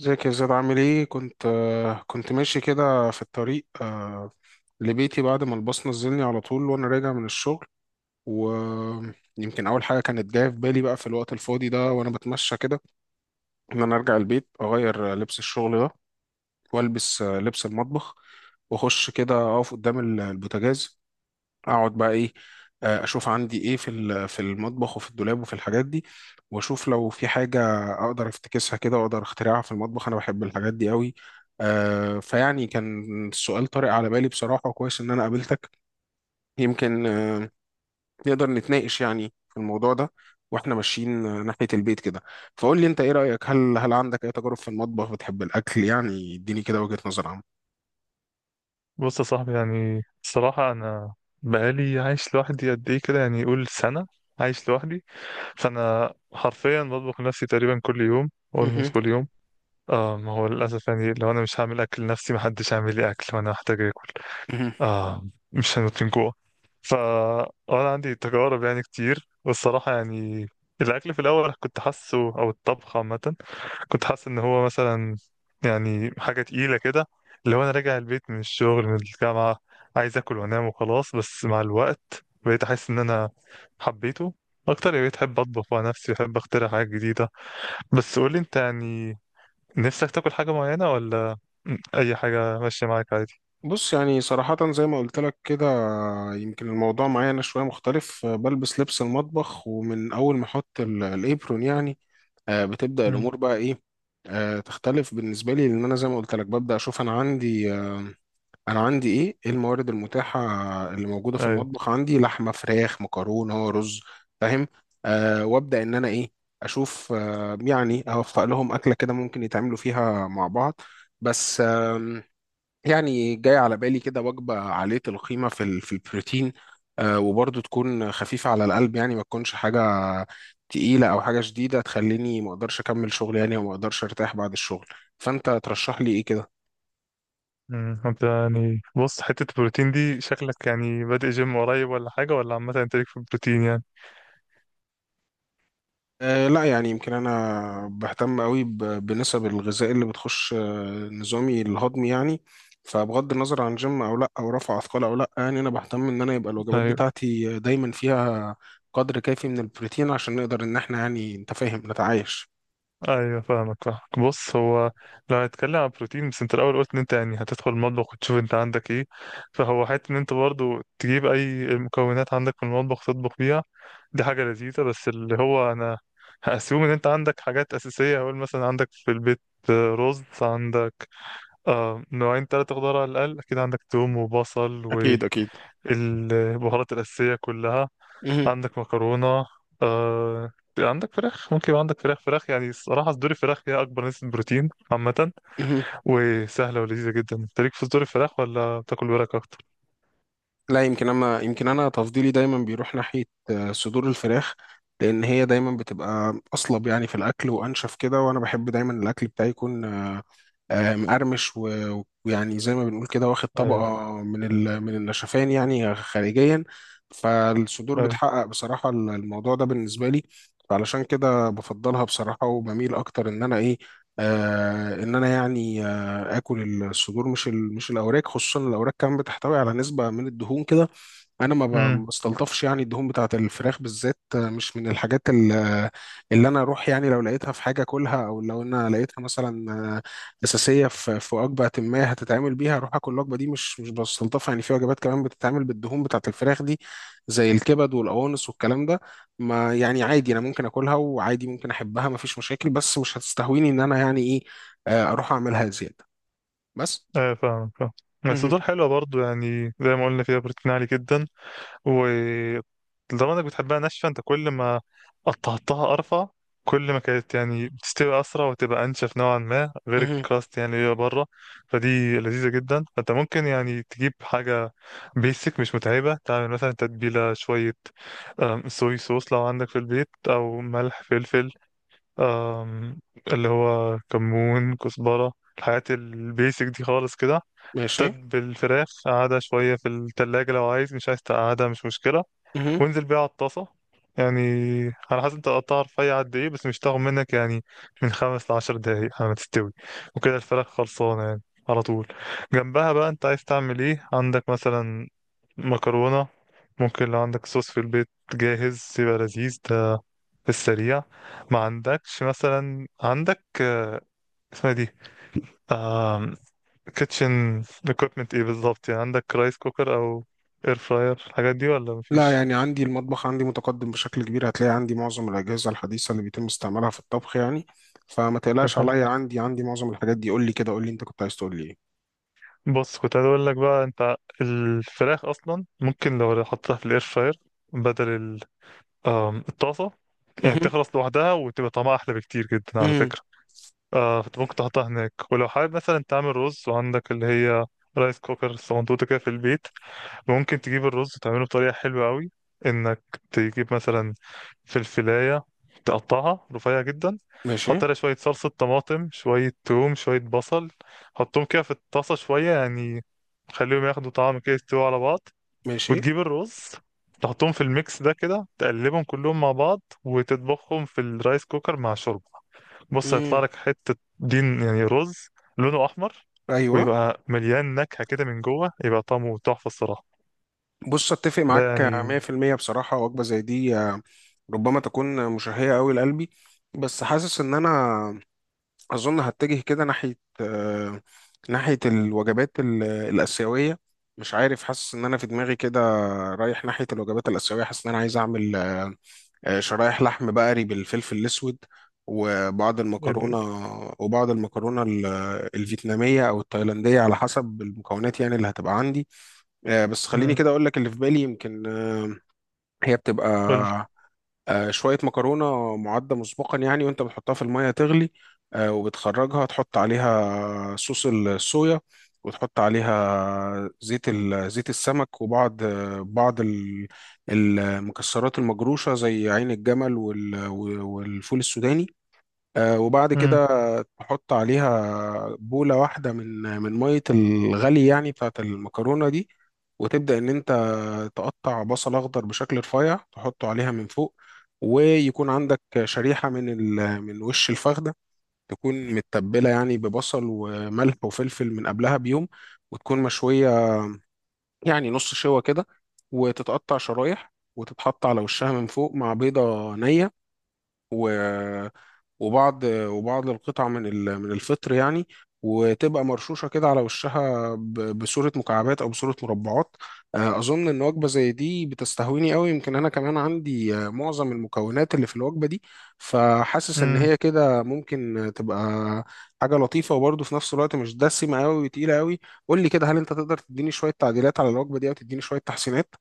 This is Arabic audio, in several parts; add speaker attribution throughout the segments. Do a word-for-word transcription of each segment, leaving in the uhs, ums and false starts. Speaker 1: ازيك يا زياد عامل ايه؟ كنت آه، كنت ماشي كده في الطريق، آه، لبيتي بعد ما الباص نزلني على طول وانا راجع من الشغل. ويمكن اول حاجه كانت جايه في بالي بقى في الوقت الفاضي ده وانا بتمشى كده ان انا ارجع البيت اغير آه، لبس الشغل ده والبس آه، لبس المطبخ، واخش كده اقف قدام ال- البوتاجاز، اقعد بقى ايه. آه، اشوف عندي ايه في ال- في المطبخ وفي الدولاب وفي الحاجات دي، واشوف لو في حاجه اقدر افتكسها كده واقدر اخترعها في المطبخ. انا بحب الحاجات دي قوي. آه، فيعني كان السؤال طارئ على بالي بصراحه، وكويس ان انا قابلتك. يمكن آه، نقدر نتناقش يعني في الموضوع ده واحنا ماشيين آه، ناحيه البيت كده. فقول لي انت ايه رايك، هل هل عندك اي تجارب في المطبخ؟ بتحب الاكل؟ يعني اديني كده وجهه نظر عامه.
Speaker 2: بص يا صاحبي، يعني الصراحة أنا بقالي عايش لوحدي قد إيه كده، يعني يقول سنة عايش لوحدي. فأنا حرفيا بطبخ لنفسي تقريبا كل يوم،
Speaker 1: مهم.
Speaker 2: أولموست كل يوم. آه ما هو للأسف يعني لو أنا مش هعمل أكل لنفسي محدش هيعمل لي أكل، وأنا محتاج آكل.
Speaker 1: مهم.
Speaker 2: آه مش هنموت من جوع. فا أنا عندي تجارب يعني كتير، والصراحة يعني الأكل في الأول كنت حاسه، أو الطبخ عامة كنت حاسس ان هو مثلا يعني حاجه تقيله كده، اللي هو انا راجع البيت من الشغل من الجامعه، عايز اكل وانام وخلاص. بس مع الوقت بقيت احس ان انا حبيته اكتر، يعني بقيت احب اطبخ مع نفسي، احب اخترع حاجات جديده. بس قولي انت يعني نفسك تاكل حاجه معينه، ولا اي حاجه ماشيه معاك عادي؟
Speaker 1: بص، يعني صراحة زي ما قلت لك كده، يمكن الموضوع معايا أنا شوية مختلف. آه، بلبس لبس المطبخ، ومن أول ما أحط ال- الإبرون يعني آه، بتبدأ
Speaker 2: امم.
Speaker 1: الأمور بقى إيه، آه، تختلف بالنسبة لي. لأن أنا زي ما قلت لك ببدأ أشوف أنا عندي آه، أنا عندي إيه إيه الموارد المتاحة اللي موجودة في
Speaker 2: ايوه.
Speaker 1: المطبخ. عندي لحمة، فراخ، مكرونة، رز. فاهم؟ آه، وأبدأ إن أنا إيه، أشوف آه، يعني أوفق لهم أكلة كده ممكن يتعاملوا فيها مع بعض. بس يعني جاي على بالي كده وجبة عالية القيمة في ال- في البروتين، آه، وبرضه تكون خفيفة على القلب، يعني ما تكونش حاجة تقيلة أو حاجة شديدة تخليني ما أقدرش أكمل شغل، يعني وما أقدرش أرتاح بعد الشغل. فأنت ترشح لي إيه كده؟
Speaker 2: امم، انت يعني بص، حته البروتين دي شكلك يعني بادئ جيم قريب ولا حاجه، ولا عامه انت ليك في البروتين يعني؟
Speaker 1: أه، لا يعني، يمكن انا بهتم قوي ب- بنسب الغذاء اللي بتخش آه، نظامي الهضمي يعني. فبغض النظر عن جيم او لا، او رفع اثقال او لا، يعني انا بهتم ان انا يبقى الوجبات
Speaker 2: ايوه.
Speaker 1: بتاعتي دايما فيها قدر كافي من البروتين عشان نقدر ان احنا يعني انت فاهم نتعايش.
Speaker 2: ايوه فاهمك فاهمك. بص هو لو هنتكلم عن بروتين بس، انت الاول قلت ان انت يعني هتدخل المطبخ وتشوف انت عندك ايه، فهو حته ان انت برضو تجيب اي المكونات عندك في المطبخ تطبخ بيها، دي حاجه لذيذه. بس اللي هو انا هاسيوم ان انت عندك حاجات اساسيه. هقول مثلا عندك في البيت آه، رز، عندك آه نوعين ثلاثه خضار على الاقل، اكيد عندك توم وبصل
Speaker 1: اكيد اكيد.
Speaker 2: والبهارات الاساسيه كلها،
Speaker 1: مهم.
Speaker 2: عندك مكرونة، آه... عندك فراخ. ممكن يبقى عندك فراخ فراخ يعني الصراحة صدور الفراخ هي أكبر نسبة بروتين عامة،
Speaker 1: مهم.
Speaker 2: وسهلة ولذيذة جدا. أنت ليك في صدور الفراخ ولا بتاكل ورك أكتر؟
Speaker 1: لا، يمكن انا يمكن انا تفضيلي دايما بيروح ناحيه آه، صدور الفراخ، لان هي دايما بتبقى اصلب يعني في الاكل وانشف كده، وانا بحب دايما الاكل بتاعي يكون آه، آه، مقرمش و- ويعني زي ما بنقول كده واخد
Speaker 2: أيوة.
Speaker 1: طبقه من ال- من النشفان يعني خارجيا. فالصدور
Speaker 2: أيوة.
Speaker 1: بتحقق بصراحه ال- الموضوع ده بالنسبه لي، فعلشان كده بفضلها بصراحه. وبميل اكتر ان انا ايه، آه، ان انا يعني اكل الصدور مش ال- مش الاوراق. خصوصا الاوراق كمان بتحتوي على نسبه من الدهون كده، انا ما ب-
Speaker 2: أمم.
Speaker 1: ما بستلطفش يعني الدهون بتاعه الفراخ بالذات. آه، مش من الحاجات ال- آه، اللي انا اروح يعني لو لقيتها في حاجه اكلها، او لو انا لقيتها مثلا آه، اساسيه في في وجبه ما هتتعمل بيها اروح اكل الوجبه دي، مش مش بستلطفها يعني. في وجبات كمان بتتعمل بالدهون بتاعه الفراخ دي، زي الكبد والقوانص والكلام ده، ما يعني عادي انا ممكن اكلها وعادي ممكن احبها، ما فيش مشاكل، بس مش هتستهويني ان انا يعني ايه، آه، اروح اعملها زياده بس.
Speaker 2: أيوة فاهم فاهم.
Speaker 1: مهم.
Speaker 2: الصدور حلوة برضو، يعني زي ما قلنا فيها بروتين عالي جدا، ولدرجة انك بتحبها ناشفة انت، كل ما قطعتها ارفع كل ما كانت يعني بتستوي اسرع وتبقى انشف نوعا ما، غير
Speaker 1: مهم.
Speaker 2: الكراست يعني اللي هي بره. فدي لذيذة جدا. فانت ممكن يعني تجيب حاجة بيسك مش متعبة، تعمل مثلا تتبيلة شوية، أم، صويا صوص لو عندك في البيت، او ملح فلفل، أم، اللي هو كمون كزبرة، الحاجات البيسك دي خالص كده.
Speaker 1: ماشي.
Speaker 2: تتبل الفراخ، قعدها شوية في التلاجة لو عايز، مش عايز تقعدها مش مشكلة،
Speaker 1: مهم.
Speaker 2: وانزل بيها على الطاسة. يعني على حسب انت قطعها رفيع قد ايه، بس مش تاخد منك يعني من خمس لعشر دقايق على ما تستوي، وكده الفراخ خلصانة يعني على طول. جنبها بقى انت عايز تعمل ايه؟ عندك مثلا مكرونة، ممكن لو عندك صوص في البيت جاهز يبقى لذيذ ده في السريع. ما عندكش مثلا، عندك آه، اسمها دي كيتشن equipment ايه بالظبط؟ يعني عندك رايس كوكر او اير فراير الحاجات دي، ولا
Speaker 1: لا
Speaker 2: مفيش؟
Speaker 1: يعني عندي المطبخ عندي متقدم بشكل كبير، هتلاقي عندي معظم الأجهزة الحديثة اللي بيتم استعمالها في الطبخ يعني. فما تقلقش عليا، عندي عندي معظم الحاجات دي. قول لي كده، قول لي انت كنت عايز تقول لي ايه.
Speaker 2: بص كنت عايز اقول لك بقى، انت الفراخ اصلا ممكن لو حطيتها في الاير فراير بدل ال- آم، الطاسه، يعني
Speaker 1: مهم.
Speaker 2: تخلص لوحدها وتبقى طعمها احلى بكتير جدا على
Speaker 1: مهم.
Speaker 2: فكره. آه فانت ممكن تحطها هناك. ولو حابب مثلا تعمل رز، وعندك اللي هي رايس كوكر صندوقة كده في البيت، ممكن تجيب الرز تعمله بطريقة حلوة قوي، انك تجيب مثلا فلفلاية تقطعها رفيع جدا،
Speaker 1: ماشي.
Speaker 2: حط عليها شوية صلصة طماطم، شوية توم، شوية بصل، حطهم كده في الطاسة شوية يعني، خليهم ياخدوا طعم كده يستووا على بعض،
Speaker 1: ماشي.
Speaker 2: وتجيب الرز تحطهم في الميكس ده كده، تقلبهم كلهم مع بعض وتطبخهم في الرايس كوكر مع شوربة. بص هيطلع
Speaker 1: مهم.
Speaker 2: لك حتة دين يعني، رز لونه أحمر،
Speaker 1: ايوه.
Speaker 2: ويبقى مليان نكهة كده من جوه، يبقى طعمه تحفة الصراحة
Speaker 1: بص، اتفق
Speaker 2: ده
Speaker 1: معاك
Speaker 2: يعني.
Speaker 1: مية في المية بصراحة. وجبة زي دي آه، ربما تكون مشهية قوي لقلبي. بس حاسس ان انا أظن هتجه كده ناحية آه، ناحية الوجبات ال- الآسيوية. مش عارف، حاسس إن أنا في دماغي كده رايح ناحية الوجبات الآسيوية. حاسس إن أنا عايز أعمل آه، آه، شرايح لحم بقري بالفلفل الأسود وبعض
Speaker 2: ايه ده؟
Speaker 1: المكرونة. وبعض المكرونة ال- الفيتنامية أو التايلاندية على حسب المكونات يعني اللي هتبقى عندي. آه، بس خليني
Speaker 2: مم.
Speaker 1: كده أقول لك اللي في بالي. يمكن آه، هي بتبقى
Speaker 2: قولي.
Speaker 1: آه، شوية مكرونة معدة مسبقا، يعني وانت بتحطها في المية تغلي آه، وبتخرجها تحط عليها صوص الصويا، وتحط عليها زيت ال- زيت السمك، وبعض آه، بعض ال- المكسرات المجروشة زي عين الجمل وال- والفول السوداني. آه، وبعد
Speaker 2: مم.
Speaker 1: كده تحط عليها بولة واحدة من من مية الغلي يعني بتاعت المكرونة دي، وتبدأ إن أنت تقطع بصل أخضر بشكل رفيع تحطه عليها من فوق. ويكون عندك شريحة من ال... من وش الفخدة، تكون متبلة يعني ببصل وملح وفلفل من قبلها بيوم، وتكون مشوية يعني نص شوى كده، وتتقطع شرايح وتتحط على وشها من فوق مع بيضة نية. و... وبعض وبعض القطع من ال- من الفطر يعني، وتبقى مرشوشه كده على وشها ب- بصوره مكعبات او بصوره مربعات. آه، اظن ان وجبه زي دي بتستهويني قوي. يمكن انا كمان عندي آه، معظم المكونات اللي في الوجبه دي، فحاسس ان
Speaker 2: مم.
Speaker 1: هي كده ممكن تبقى حاجه لطيفه، وبرضه في نفس الوقت مش دسمه قوي وتقيله قوي. قول لي كده، هل انت تقدر تديني شويه تعديلات على الوجبه دي او تديني شويه تحسينات؟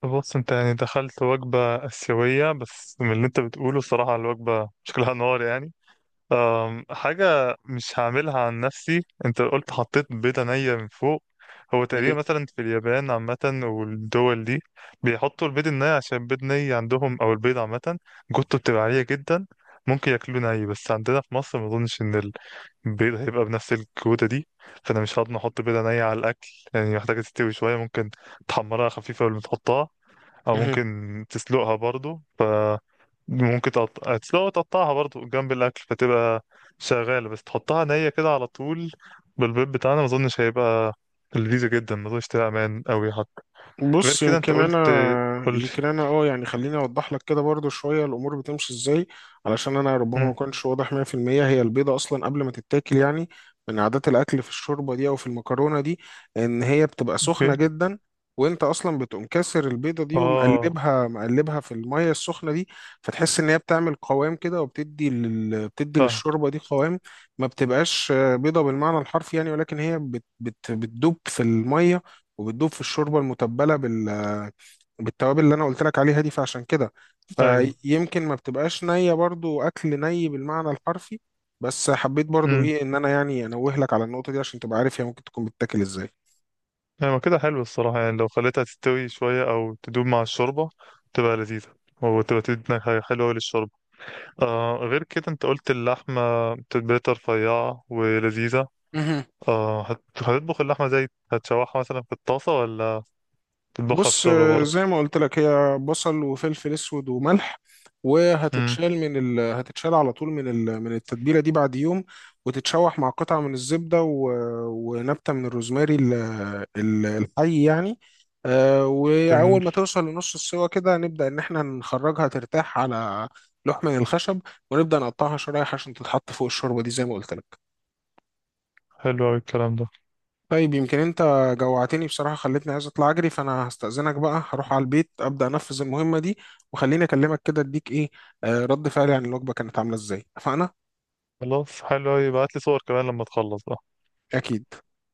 Speaker 2: طب بص، انت يعني دخلت وجبة آسيوية، بس من اللي انت بتقوله الصراحة الوجبة شكلها نار يعني. أم، حاجة مش هعملها عن نفسي، انت قلت حطيت بيضة نية من فوق. هو تقريبا مثلا في اليابان عامة والدول دي بيحطوا البيض الني عشان البيض ني عندهم، او البيض عامة جوته بتبقى عالية جدا، ممكن ياكلوه ني. بس عندنا في مصر ما اظنش ان البيض هيبقى بنفس الجودة دي، فانا مش هضمن احط بيضة نية على الاكل، يعني محتاجة تستوي شوية. ممكن تحمرها خفيفة قبل ما تحطها، او ممكن تسلقها برضو. ف ممكن تقط... تسلقها وتقطعها برضو جنب الاكل، فتبقى شغاله. بس تحطها نيه كده على طول، بالبيض بتاعنا ما اظنش هيبقى لذيذه جدا، ما اظنش تبقى امان قوي حتى. غير
Speaker 1: بص
Speaker 2: كده انت
Speaker 1: يمكن انا
Speaker 2: قلت، قلت
Speaker 1: يمكن انا اه يعني خليني اوضح لك كده برضو شويه الامور بتمشي ازاي، علشان انا ربما ما
Speaker 2: امم.
Speaker 1: كنتش واضح مية في المية. هي البيضه اصلا قبل ما تتاكل يعني من عادات الاكل في الشوربه دي او في المكرونه دي، ان هي بتبقى
Speaker 2: اوكي.
Speaker 1: سخنه جدا، وانت اصلا بتقوم كاسر البيضه دي
Speaker 2: اه.
Speaker 1: ومقلبها مقلبها في الميه السخنه دي. فتحس ان هي بتعمل قوام كده، وبتدي لل... بتدي
Speaker 2: فاهم.
Speaker 1: للشوربه دي قوام. ما بتبقاش آه، بيضه بالمعنى الحرفي يعني، ولكن هي بت... بت... بتدوب في الميه، وبتدوب في الشوربه المتبله بال بالتوابل اللي انا قلت لك عليها دي. فعشان كده
Speaker 2: ايوه.
Speaker 1: فيمكن ما بتبقاش نيه، برضو اكل ني بالمعنى الحرفي، بس حبيت برضو
Speaker 2: امم.
Speaker 1: ايه ان انا يعني انوه لك على النقطه دي عشان تبقى عارف هي ممكن تكون بتتاكل
Speaker 2: ايوه كده حلو الصراحه، يعني لو خليتها تستوي شويه او تدوب مع الشوربه تبقى لذيذه، وتبقى تدينا حاجة حلوة أوي للشوربة. آه غير كده أنت قلت اللحمة تتبيلة رفيعة ولذيذة.
Speaker 1: ازاي.
Speaker 2: اه هت- هتطبخ اللحمة زي، هتشوحها مثلا في الطاسة، ولا تطبخها في
Speaker 1: بص،
Speaker 2: الشوربة
Speaker 1: آه،
Speaker 2: برضه؟
Speaker 1: زي ما قلت لك هي بصل وفلفل اسود وملح،
Speaker 2: امم.
Speaker 1: وهتتشال من ال... هتتشال على طول من ال... من التتبيله دي بعد يوم، وتتشوح مع قطعه من الزبده، و... ونبته من الروزماري ال... ال- الحي يعني. آه،
Speaker 2: جميل.
Speaker 1: واول ما توصل لنص السوا كده، نبدا ان احنا نخرجها ترتاح على لوح من الخشب، ونبدا نقطعها شرايح عشان تتحط فوق الشوربه دي زي ما قلت لك.
Speaker 2: حلو أوي الكلام ده.
Speaker 1: طيب، يمكن انت جوعتني بصراحة، خلتني عايز اطلع اجري. فانا هستأذنك بقى، هروح على البيت ابدأ انفذ المهمة دي، وخليني اكلمك كده اديك ايه آه، رد فعلي عن الوجبة كانت عاملة ازاي. اتفقنا؟
Speaker 2: خلاص حلو أوي، ابعتلي صور كمان لما تخلص بقى.
Speaker 1: اكيد.